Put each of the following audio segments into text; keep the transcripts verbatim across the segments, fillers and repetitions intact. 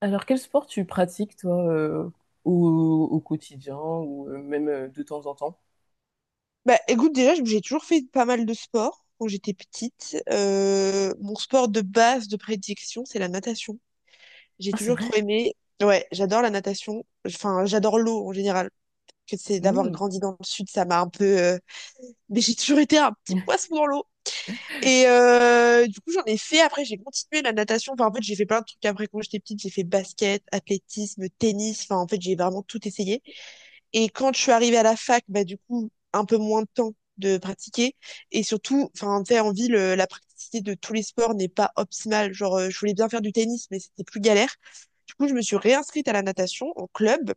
Alors, quel sport tu pratiques, toi, euh, au, au quotidien ou euh, même euh, de temps en temps? Bah, écoute, déjà, j'ai toujours fait pas mal de sport quand j'étais petite. Euh, mon sport de base de prédilection, c'est la natation. J'ai Ah, c'est toujours vrai? trop aimé. Ouais, j'adore la natation. Enfin, j'adore l'eau en général. Que c'est d'avoir Hmm. grandi dans le sud, ça m'a un peu. euh, Mais j'ai toujours été un petit poisson dans l'eau. Et euh, du coup, j'en ai fait. Après, j'ai continué la natation. Enfin, en fait, j'ai fait plein de trucs après quand j'étais petite. J'ai fait basket, athlétisme, tennis. Enfin, en fait, j'ai vraiment tout essayé. Et quand je suis arrivée à la fac, bah, du coup, un peu moins de temps de pratiquer. Et surtout, enfin, tu sais, en ville, euh, la praticité de tous les sports n'est pas optimale. Genre, euh, je voulais bien faire du tennis, mais c'était plus galère. Du coup, je me suis réinscrite à la natation, en club.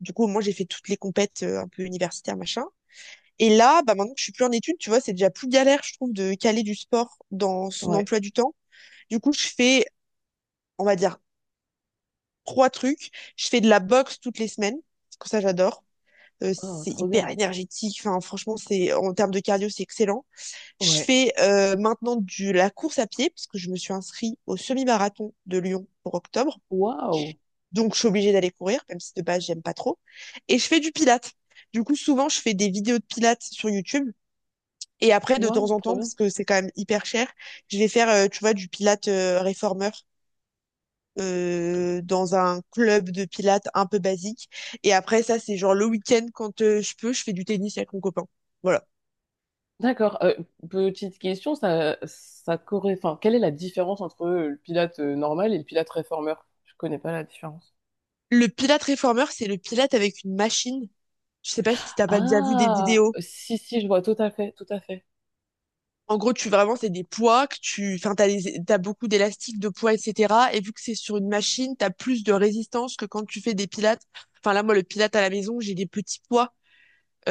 Du coup, moi, j'ai fait toutes les compètes euh, un peu universitaires, machin. Et là, bah, maintenant que je suis plus en études, tu vois, c'est déjà plus galère, je trouve, de caler du sport dans son Ouais. emploi du temps. Du coup, je fais, on va dire, trois trucs. Je fais de la boxe toutes les semaines, parce que ça, j'adore. euh, Oh, c'est trop hyper bien. énergétique. Enfin, franchement, c'est en termes de cardio, c'est excellent. Je Ouais. fais euh, maintenant du la course à pied parce que je me suis inscrite au semi-marathon de Lyon pour octobre. Waouh. Donc, je suis obligée d'aller courir, même si de base, j'aime pas trop. Et je fais du pilates. Du coup, souvent, je fais des vidéos de pilates sur YouTube. Et après, de temps Waouh, en trop temps, bien. parce que c'est quand même hyper cher, je vais faire, euh, tu vois, du pilates euh, réformeur euh, dans un club de pilates un peu basique. Et après, ça, c'est genre le week-end, quand euh, je peux, je fais du tennis avec mon copain. Voilà. D'accord. Euh, petite question, ça, ça corré- Enfin, quelle est la différence entre euh, le pilate euh, normal et le pilate réformeur? Je connais pas la différence. Le Pilate réformeur, c'est le Pilate avec une machine. Je sais pas si t'as pas déjà vu des Ah, vidéos. si, si, je vois tout à fait, tout à fait. En gros, tu vraiment, c'est des poids que tu, enfin, t'as les- t'as beaucoup d'élastiques, de poids, et cetera. Et vu que c'est sur une machine, t'as plus de résistance que quand tu fais des pilates. Enfin, là, moi, le pilate à la maison, j'ai des petits poids,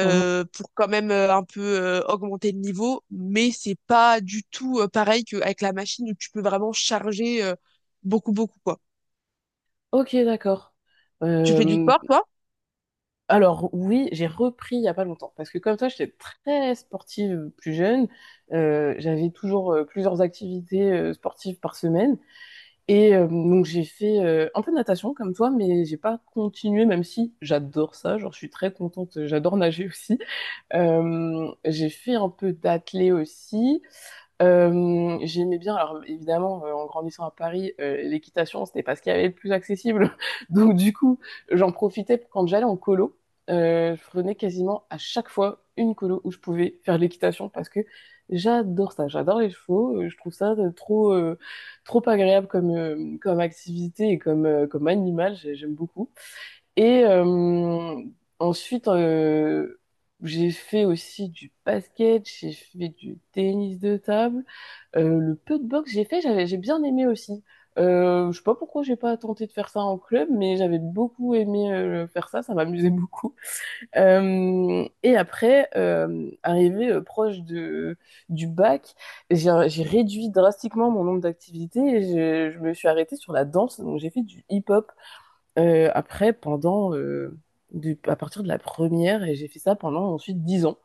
Mhm. pour quand même euh, un peu euh, augmenter le niveau. Mais c'est pas du tout euh, pareil qu'avec la machine où tu peux vraiment charger euh, beaucoup, beaucoup, quoi. Ok, d'accord. Tu fais du Euh, sport, toi? alors oui, j'ai repris il y a pas longtemps parce que comme toi, j'étais très sportive plus jeune. Euh, j'avais toujours euh, plusieurs activités euh, sportives par semaine et euh, donc j'ai fait euh, un peu de natation comme toi, mais j'ai pas continué même si j'adore ça. Genre je suis très contente, j'adore nager aussi. Euh, j'ai fait un peu d'athlé aussi euh, j'aimais bien, alors évidemment, euh, en grandissant à Paris, euh, l'équitation, c'était pas ce qu'il y avait de plus accessible. Donc du coup, j'en profitais quand j'allais en colo. Euh, je prenais quasiment à chaque fois une colo où je pouvais faire de l'équitation parce que j'adore ça, j'adore les chevaux, euh, je trouve ça de- trop, euh, trop agréable comme, euh, comme activité et comme, euh, comme animal, j'ai- j'aime beaucoup. Et euh, ensuite, euh, j'ai fait aussi du basket, j'ai fait du tennis de table. Euh, le peu de boxe que j'ai fait, j'avais, j'ai bien aimé aussi. Euh, je sais pas pourquoi j'ai pas tenté de faire ça en club, mais j'avais beaucoup aimé euh, faire ça, ça m'amusait beaucoup. Euh, et après, euh, arrivé euh, proche de du bac, j'ai j'ai réduit drastiquement mon nombre d'activités et je, je me suis arrêtée sur la danse, donc j'ai fait du hip-hop euh, après pendant euh, du- à partir de la première et j'ai fait ça pendant ensuite dix ans.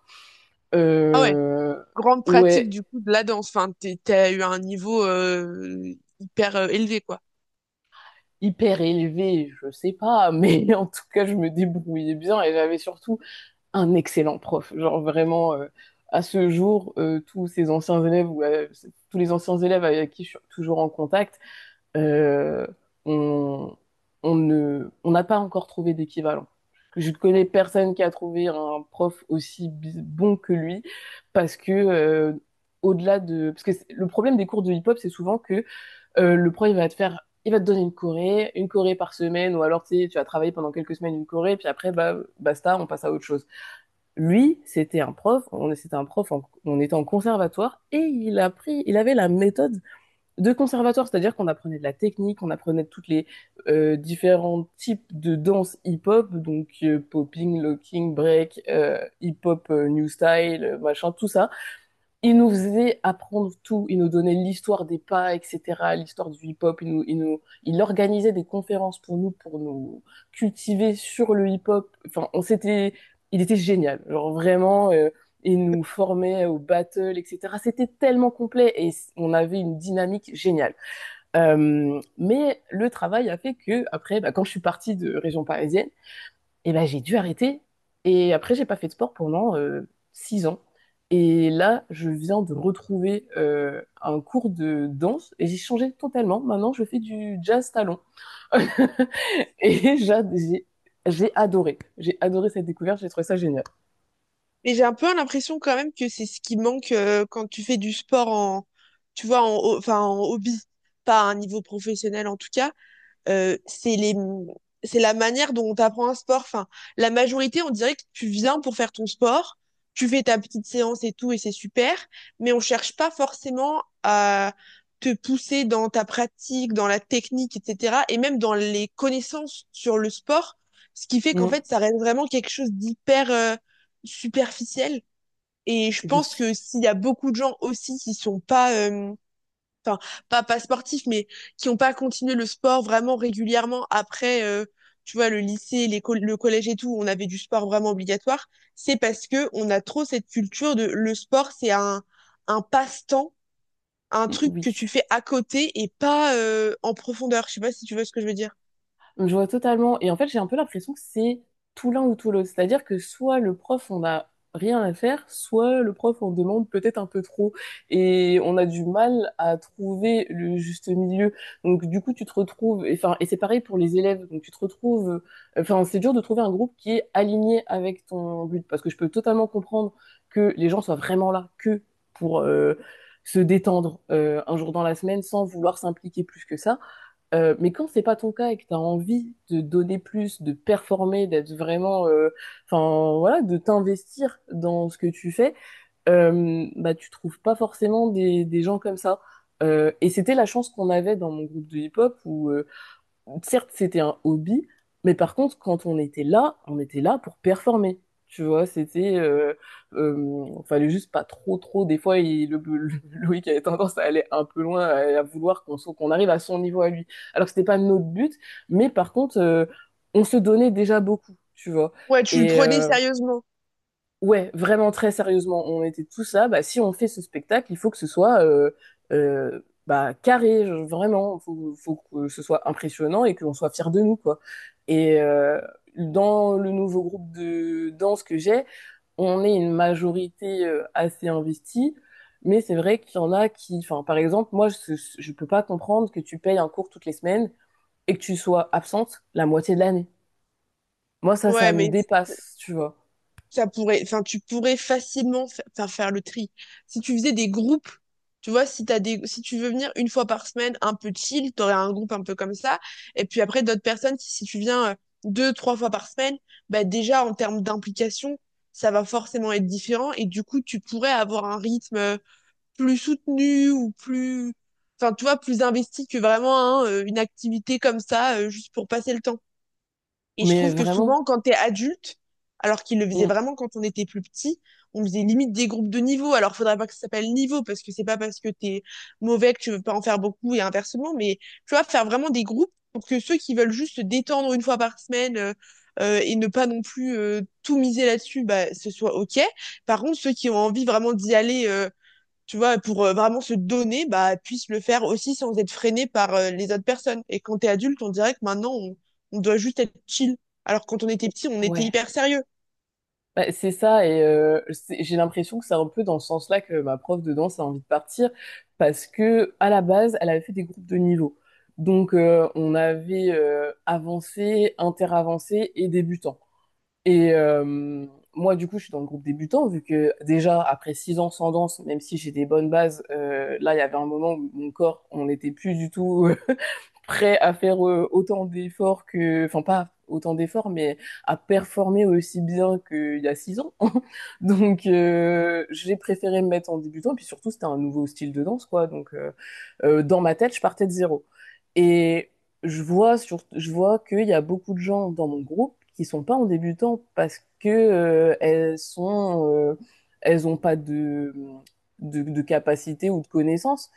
Ah ouais. Euh, grande pratique ouais. du coup de la danse. Enfin, t'es- t'as eu un niveau euh, hyper euh, élevé, quoi. Hyper élevé, je sais pas, mais en tout cas, je me débrouillais bien et j'avais surtout un excellent prof. Genre vraiment, euh, à ce jour, euh, tous ces anciens élèves ou euh, tous les anciens élèves avec qui je suis toujours en contact, euh, on, on ne, on n'a pas encore trouvé d'équivalent. Je ne connais personne qui a trouvé un prof aussi bon que lui parce que euh, au-delà de parce que le problème des cours de hip-hop c'est souvent que euh, le pro, il va te faire, il va te donner une corée, une corée par semaine, ou alors tu sais, tu vas travailler pendant quelques semaines une corée, puis après, bah, basta, on passe à autre chose. Lui, c'était un prof, on, c'était un prof, en- on était en conservatoire, et il a pris, il avait la méthode de conservatoire, c'est-à-dire qu'on apprenait de la technique, on apprenait toutes les euh, différents types de danse hip-hop, donc euh, popping, locking, break, euh, hip-hop, euh, new style, euh, machin, tout ça il nous faisait apprendre tout. Il nous donnait l'histoire des pas, et cetera, l'histoire du hip-hop. Il, nous, il, nous, il organisait des conférences pour nous, pour nous cultiver sur le hip-hop. Enfin, on s'était, il était génial. Genre vraiment, euh, il nous formait au battle, et cetera. C'était tellement complet et on avait une dynamique géniale. Euh, mais le travail a fait que après, bah, quand je suis partie de région parisienne, et ben, j'ai dû arrêter. Et après, j'ai pas fait de sport pendant euh, six ans. Et là, je viens de retrouver euh, un cours de danse et j'ai changé totalement. Maintenant, je fais du jazz talon. Et j'a- j'ai j'ai adoré. J'ai adoré cette découverte. J'ai trouvé ça génial. Mais j'ai un peu l'impression quand même que c'est ce qui manque euh, quand tu fais du sport en, tu vois, en, ho- enfin, en hobby, pas à un niveau professionnel en tout cas. euh, c'est les c'est la manière dont on t'apprend un sport. Enfin, la majorité, on dirait que tu viens pour faire ton sport, tu fais ta petite séance et tout, et c'est super, mais on cherche pas forcément à te pousser dans ta pratique, dans la technique, et cetera, et même dans les connaissances sur le sport, ce qui fait qu'en Mm, fait, ça reste vraiment quelque chose d'hyper euh, superficiel. Et je pense oui. que s'il y a beaucoup de gens aussi qui sont pas euh, enfin pas pas sportifs, mais qui n'ont pas continué le sport vraiment régulièrement après, euh, tu vois, le lycée, l'école, le collège et tout, où on avait du sport vraiment obligatoire, c'est parce que on a trop cette culture de le sport, c'est un un passe-temps, un Mm, truc que tu oui. fais à côté et pas euh, en profondeur. Je sais pas si tu vois ce que je veux dire. Je vois totalement. Et en fait, j'ai un peu l'impression que c'est tout l'un ou tout l'autre. C'est-à-dire que soit le prof, on n'a rien à faire, soit le prof on demande peut-être un peu trop. Et on a du mal à trouver le juste milieu. Donc, du coup, tu te retrouves, et, enfin, et c'est pareil pour les élèves. Donc, tu te retrouves, enfin, c'est dur de trouver un groupe qui est aligné avec ton but. Parce que je peux totalement comprendre que les gens soient vraiment là que pour, euh, se détendre euh, un jour dans la semaine sans vouloir s'impliquer plus que ça. Euh, mais quand c'est pas ton cas et que tu as envie de donner plus, de performer, d'être vraiment, euh, enfin voilà, de t'investir dans ce que tu fais, euh, bah tu trouves pas forcément des, des gens comme ça. Euh, et c'était la chance qu'on avait dans mon groupe de hip-hop où euh, certes, c'était un hobby, mais par contre, quand on était là, on était là pour performer. Tu vois, c'était, euh, euh, fallait juste pas trop, trop. Des fois, il, le, le- Loïc avait tendance à aller un peu loin, à, à vouloir qu'on soit- qu'on arrive à son niveau à lui. Alors que c'était pas notre but, mais par contre, euh, on se donnait déjà beaucoup, tu vois. Ouais, tu le Et, prenais euh, sérieusement. ouais, vraiment très sérieusement, on était tous là. Bah, si on fait ce spectacle, il faut que ce soit euh, euh, bah, carré, je- vraiment. Faut, faut que ce soit impressionnant et qu'on soit fiers de nous, quoi. Et euh, dans le nouveau groupe de danse que j'ai, on est une majorité euh, assez investie, mais c'est vrai qu'il y en a qui, enfin, par exemple, moi, je, je peux pas comprendre que tu payes un cours toutes les semaines et que tu sois absente la moitié de l'année. Moi, ça, ça Ouais, me mais dépasse, tu vois. ça pourrait, enfin, tu pourrais facilement fa- faire, faire le tri. Si tu faisais des groupes, tu vois, si t'as des, si tu veux venir une fois par semaine, un peu chill, t'aurais un groupe un peu comme ça. Et puis après, d'autres personnes, qui, si tu viens euh, deux, trois fois par semaine, bah, déjà, en termes d'implication, ça va forcément être différent. Et du coup, tu pourrais avoir un rythme euh, plus soutenu ou plus, enfin, tu vois, plus investi que vraiment hein, euh, une activité comme ça, euh, juste pour passer le temps. Et je Mais trouve que souvent, vraiment, quand t'es adulte, alors qu'ils le faisaient mm, vraiment quand on était plus petit, on faisait limite des groupes de niveau. Alors, faudrait pas que ça s'appelle niveau, parce que c'est pas parce que t'es mauvais que tu veux pas en faire beaucoup et inversement. Mais tu vois, faire vraiment des groupes pour que ceux qui veulent juste se détendre une fois par semaine euh, euh, et ne pas non plus euh, tout miser là-dessus, bah, ce soit OK. Par contre, ceux qui ont envie vraiment d'y aller euh, tu vois, pour euh, vraiment se donner, bah, puisse le faire aussi sans être freiné par euh, les autres personnes. Et quand t'es adulte, on dirait que maintenant, on, on doit juste être chill. Alors que quand on était petit, on était ouais. hyper sérieux. Bah, c'est ça, et euh, c'est- j'ai l'impression que c'est un peu dans ce sens-là que ma prof de danse a envie de partir, parce que à la base, elle avait fait des groupes de niveau. Donc, euh, on avait euh, avancé, interavancé et débutant. Et euh, moi, du coup, je suis dans le groupe débutant, vu que déjà, après six ans sans danse, même si j'ai des bonnes bases, euh, là, il y avait un moment où mon corps, on n'était plus du tout euh, prêt à faire euh, autant d'efforts que… Enfin, pas autant d'efforts, mais à performer aussi bien qu'il y a six ans. Donc, euh, j'ai préféré me mettre en débutant, et puis surtout, c'était un nouveau style de danse, quoi. Donc, euh, euh, dans ma tête, je partais de zéro. Et je vois sur, je vois qu'il y a beaucoup de gens dans mon groupe qui sont pas en débutant parce que euh, elles sont, euh, elles ont pas de, de, de capacité ou de connaissances.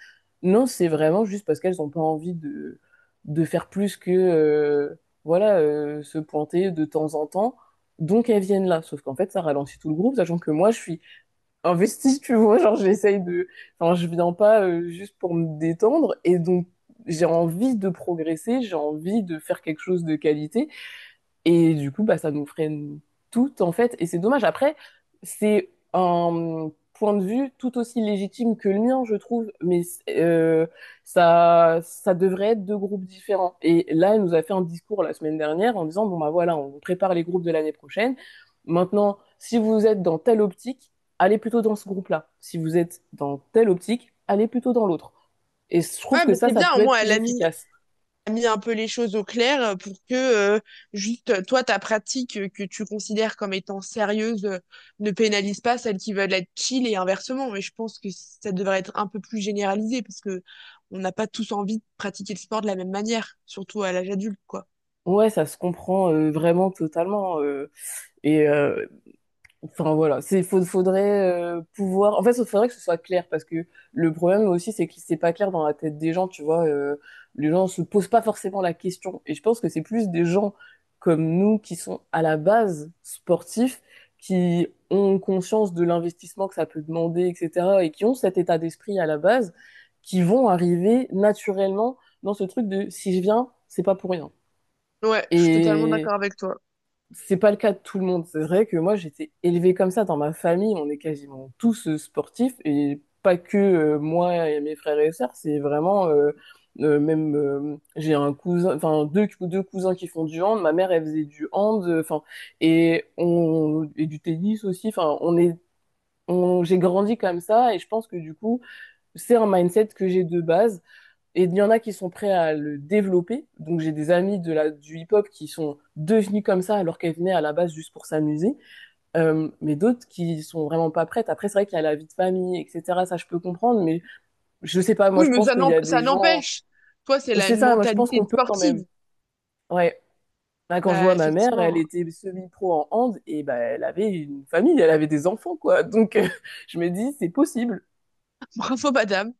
Non, c'est vraiment juste parce qu'elles ont pas envie de, de faire plus que, euh, voilà, euh, se pointer de temps en temps. Donc elles viennent là. Sauf qu'en fait, ça ralentit tout le groupe, sachant que moi, je suis investi, tu vois. Genre, j'essaye de. Enfin, je viens pas euh, juste pour me détendre. Et donc, j'ai envie de progresser, j'ai envie de faire quelque chose de qualité. Et du coup, bah, ça nous freine toutes, en fait. Et c'est dommage. Après, c'est un point de vue tout aussi légitime que le mien, je trouve. Mais euh, ça, ça devrait être deux groupes différents. Et là, elle nous a fait un discours la semaine dernière en disant, bon, bah voilà, on prépare les groupes de l'année prochaine. Maintenant, si vous êtes dans telle optique, allez plutôt dans ce groupe-là. Si vous êtes dans telle optique, allez plutôt dans l'autre. Et je trouve Ouais, que bah, ça, c'était ça bien, peut au être moins, elle plus a mis, efficace. elle a mis un peu les choses au clair euh, pour que euh, juste euh, toi, ta pratique euh, que tu considères comme étant sérieuse euh, ne pénalise pas celles qui veulent être chill et inversement. Mais je pense que ça devrait être un peu plus généralisé parce que on n'a pas tous envie de pratiquer le sport de la même manière, surtout à l'âge adulte, quoi. Ouais, ça se comprend euh, vraiment totalement. euh, et euh, Enfin voilà, c'est faut- faudrait euh, pouvoir. En fait, il faudrait que ce soit clair parce que le problème aussi, c'est que c'est pas clair dans la tête des gens. Tu vois, euh, les gens se posent pas forcément la question. Et je pense que c'est plus des gens comme nous qui sont à la base sportifs, qui ont conscience de l'investissement que ça peut demander, et cetera, et qui ont cet état d'esprit à la base, qui vont arriver naturellement dans ce truc de si je viens, c'est pas pour rien Ouais, je suis totalement d'accord avec toi. c'est pas le cas de tout le monde. C'est vrai que moi, j'étais élevée comme ça dans ma famille. On est quasiment tous euh, sportifs et pas que euh, moi et mes frères et sœurs. C'est vraiment euh, euh, même euh, j'ai un cousin, enfin deux deux cousins qui font du hand. Ma mère, elle faisait du hand, euh, enfin et on et du tennis aussi. Enfin, on est on, j'ai grandi comme ça et je pense que du coup, c'est un mindset que j'ai de base. Et il y en a qui sont prêts à le développer. Donc j'ai des amis de la, du hip-hop qui sont devenus comme ça alors qu'elles venaient à la base juste pour s'amuser. Euh, mais d'autres qui sont vraiment pas prêtes. Après, c'est vrai qu'il y a la vie de famille, et cetera. Ça, je peux comprendre. Mais je sais pas, moi, Oui, je mais pense ça qu'il y n'emp- a des ça gens… n'empêche. Toi, c'est la C'est une ça, moi, je pense mentalité qu'on de peut quand sportive. même. Ouais. Là, quand je Bah, vois ma mère, elle effectivement. était semi-pro en hand et bah, elle avait une famille, elle avait des enfants, quoi. Donc, euh, je me dis, c'est possible. Bravo, madame.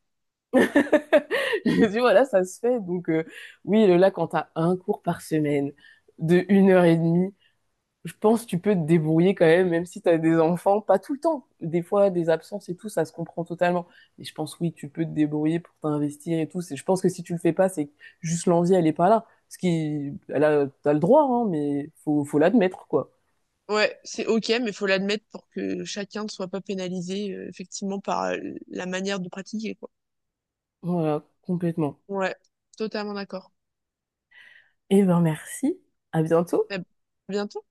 Je dis voilà, ça se fait. Donc, euh, oui, là, quand t'as un cours par semaine de une heure et demie, je pense que tu peux te débrouiller quand même, même si t'as des enfants, pas tout le temps. Des fois, des absences et tout, ça se comprend totalement. Mais je pense, oui, tu peux te débrouiller pour t'investir et tout. C'est- Je pense que si tu le fais pas, c'est que juste l'envie, elle est pas là. Ce qui, elle a, t'as le droit, hein, mais faut, faut l'admettre, quoi. Ouais, c'est ok, mais faut l'admettre pour que chacun ne soit pas pénalisé, euh, effectivement, par euh, la manière de pratiquer, quoi. Voilà, complètement. Ouais, totalement d'accord. Et ben, merci. À bientôt. À bientôt.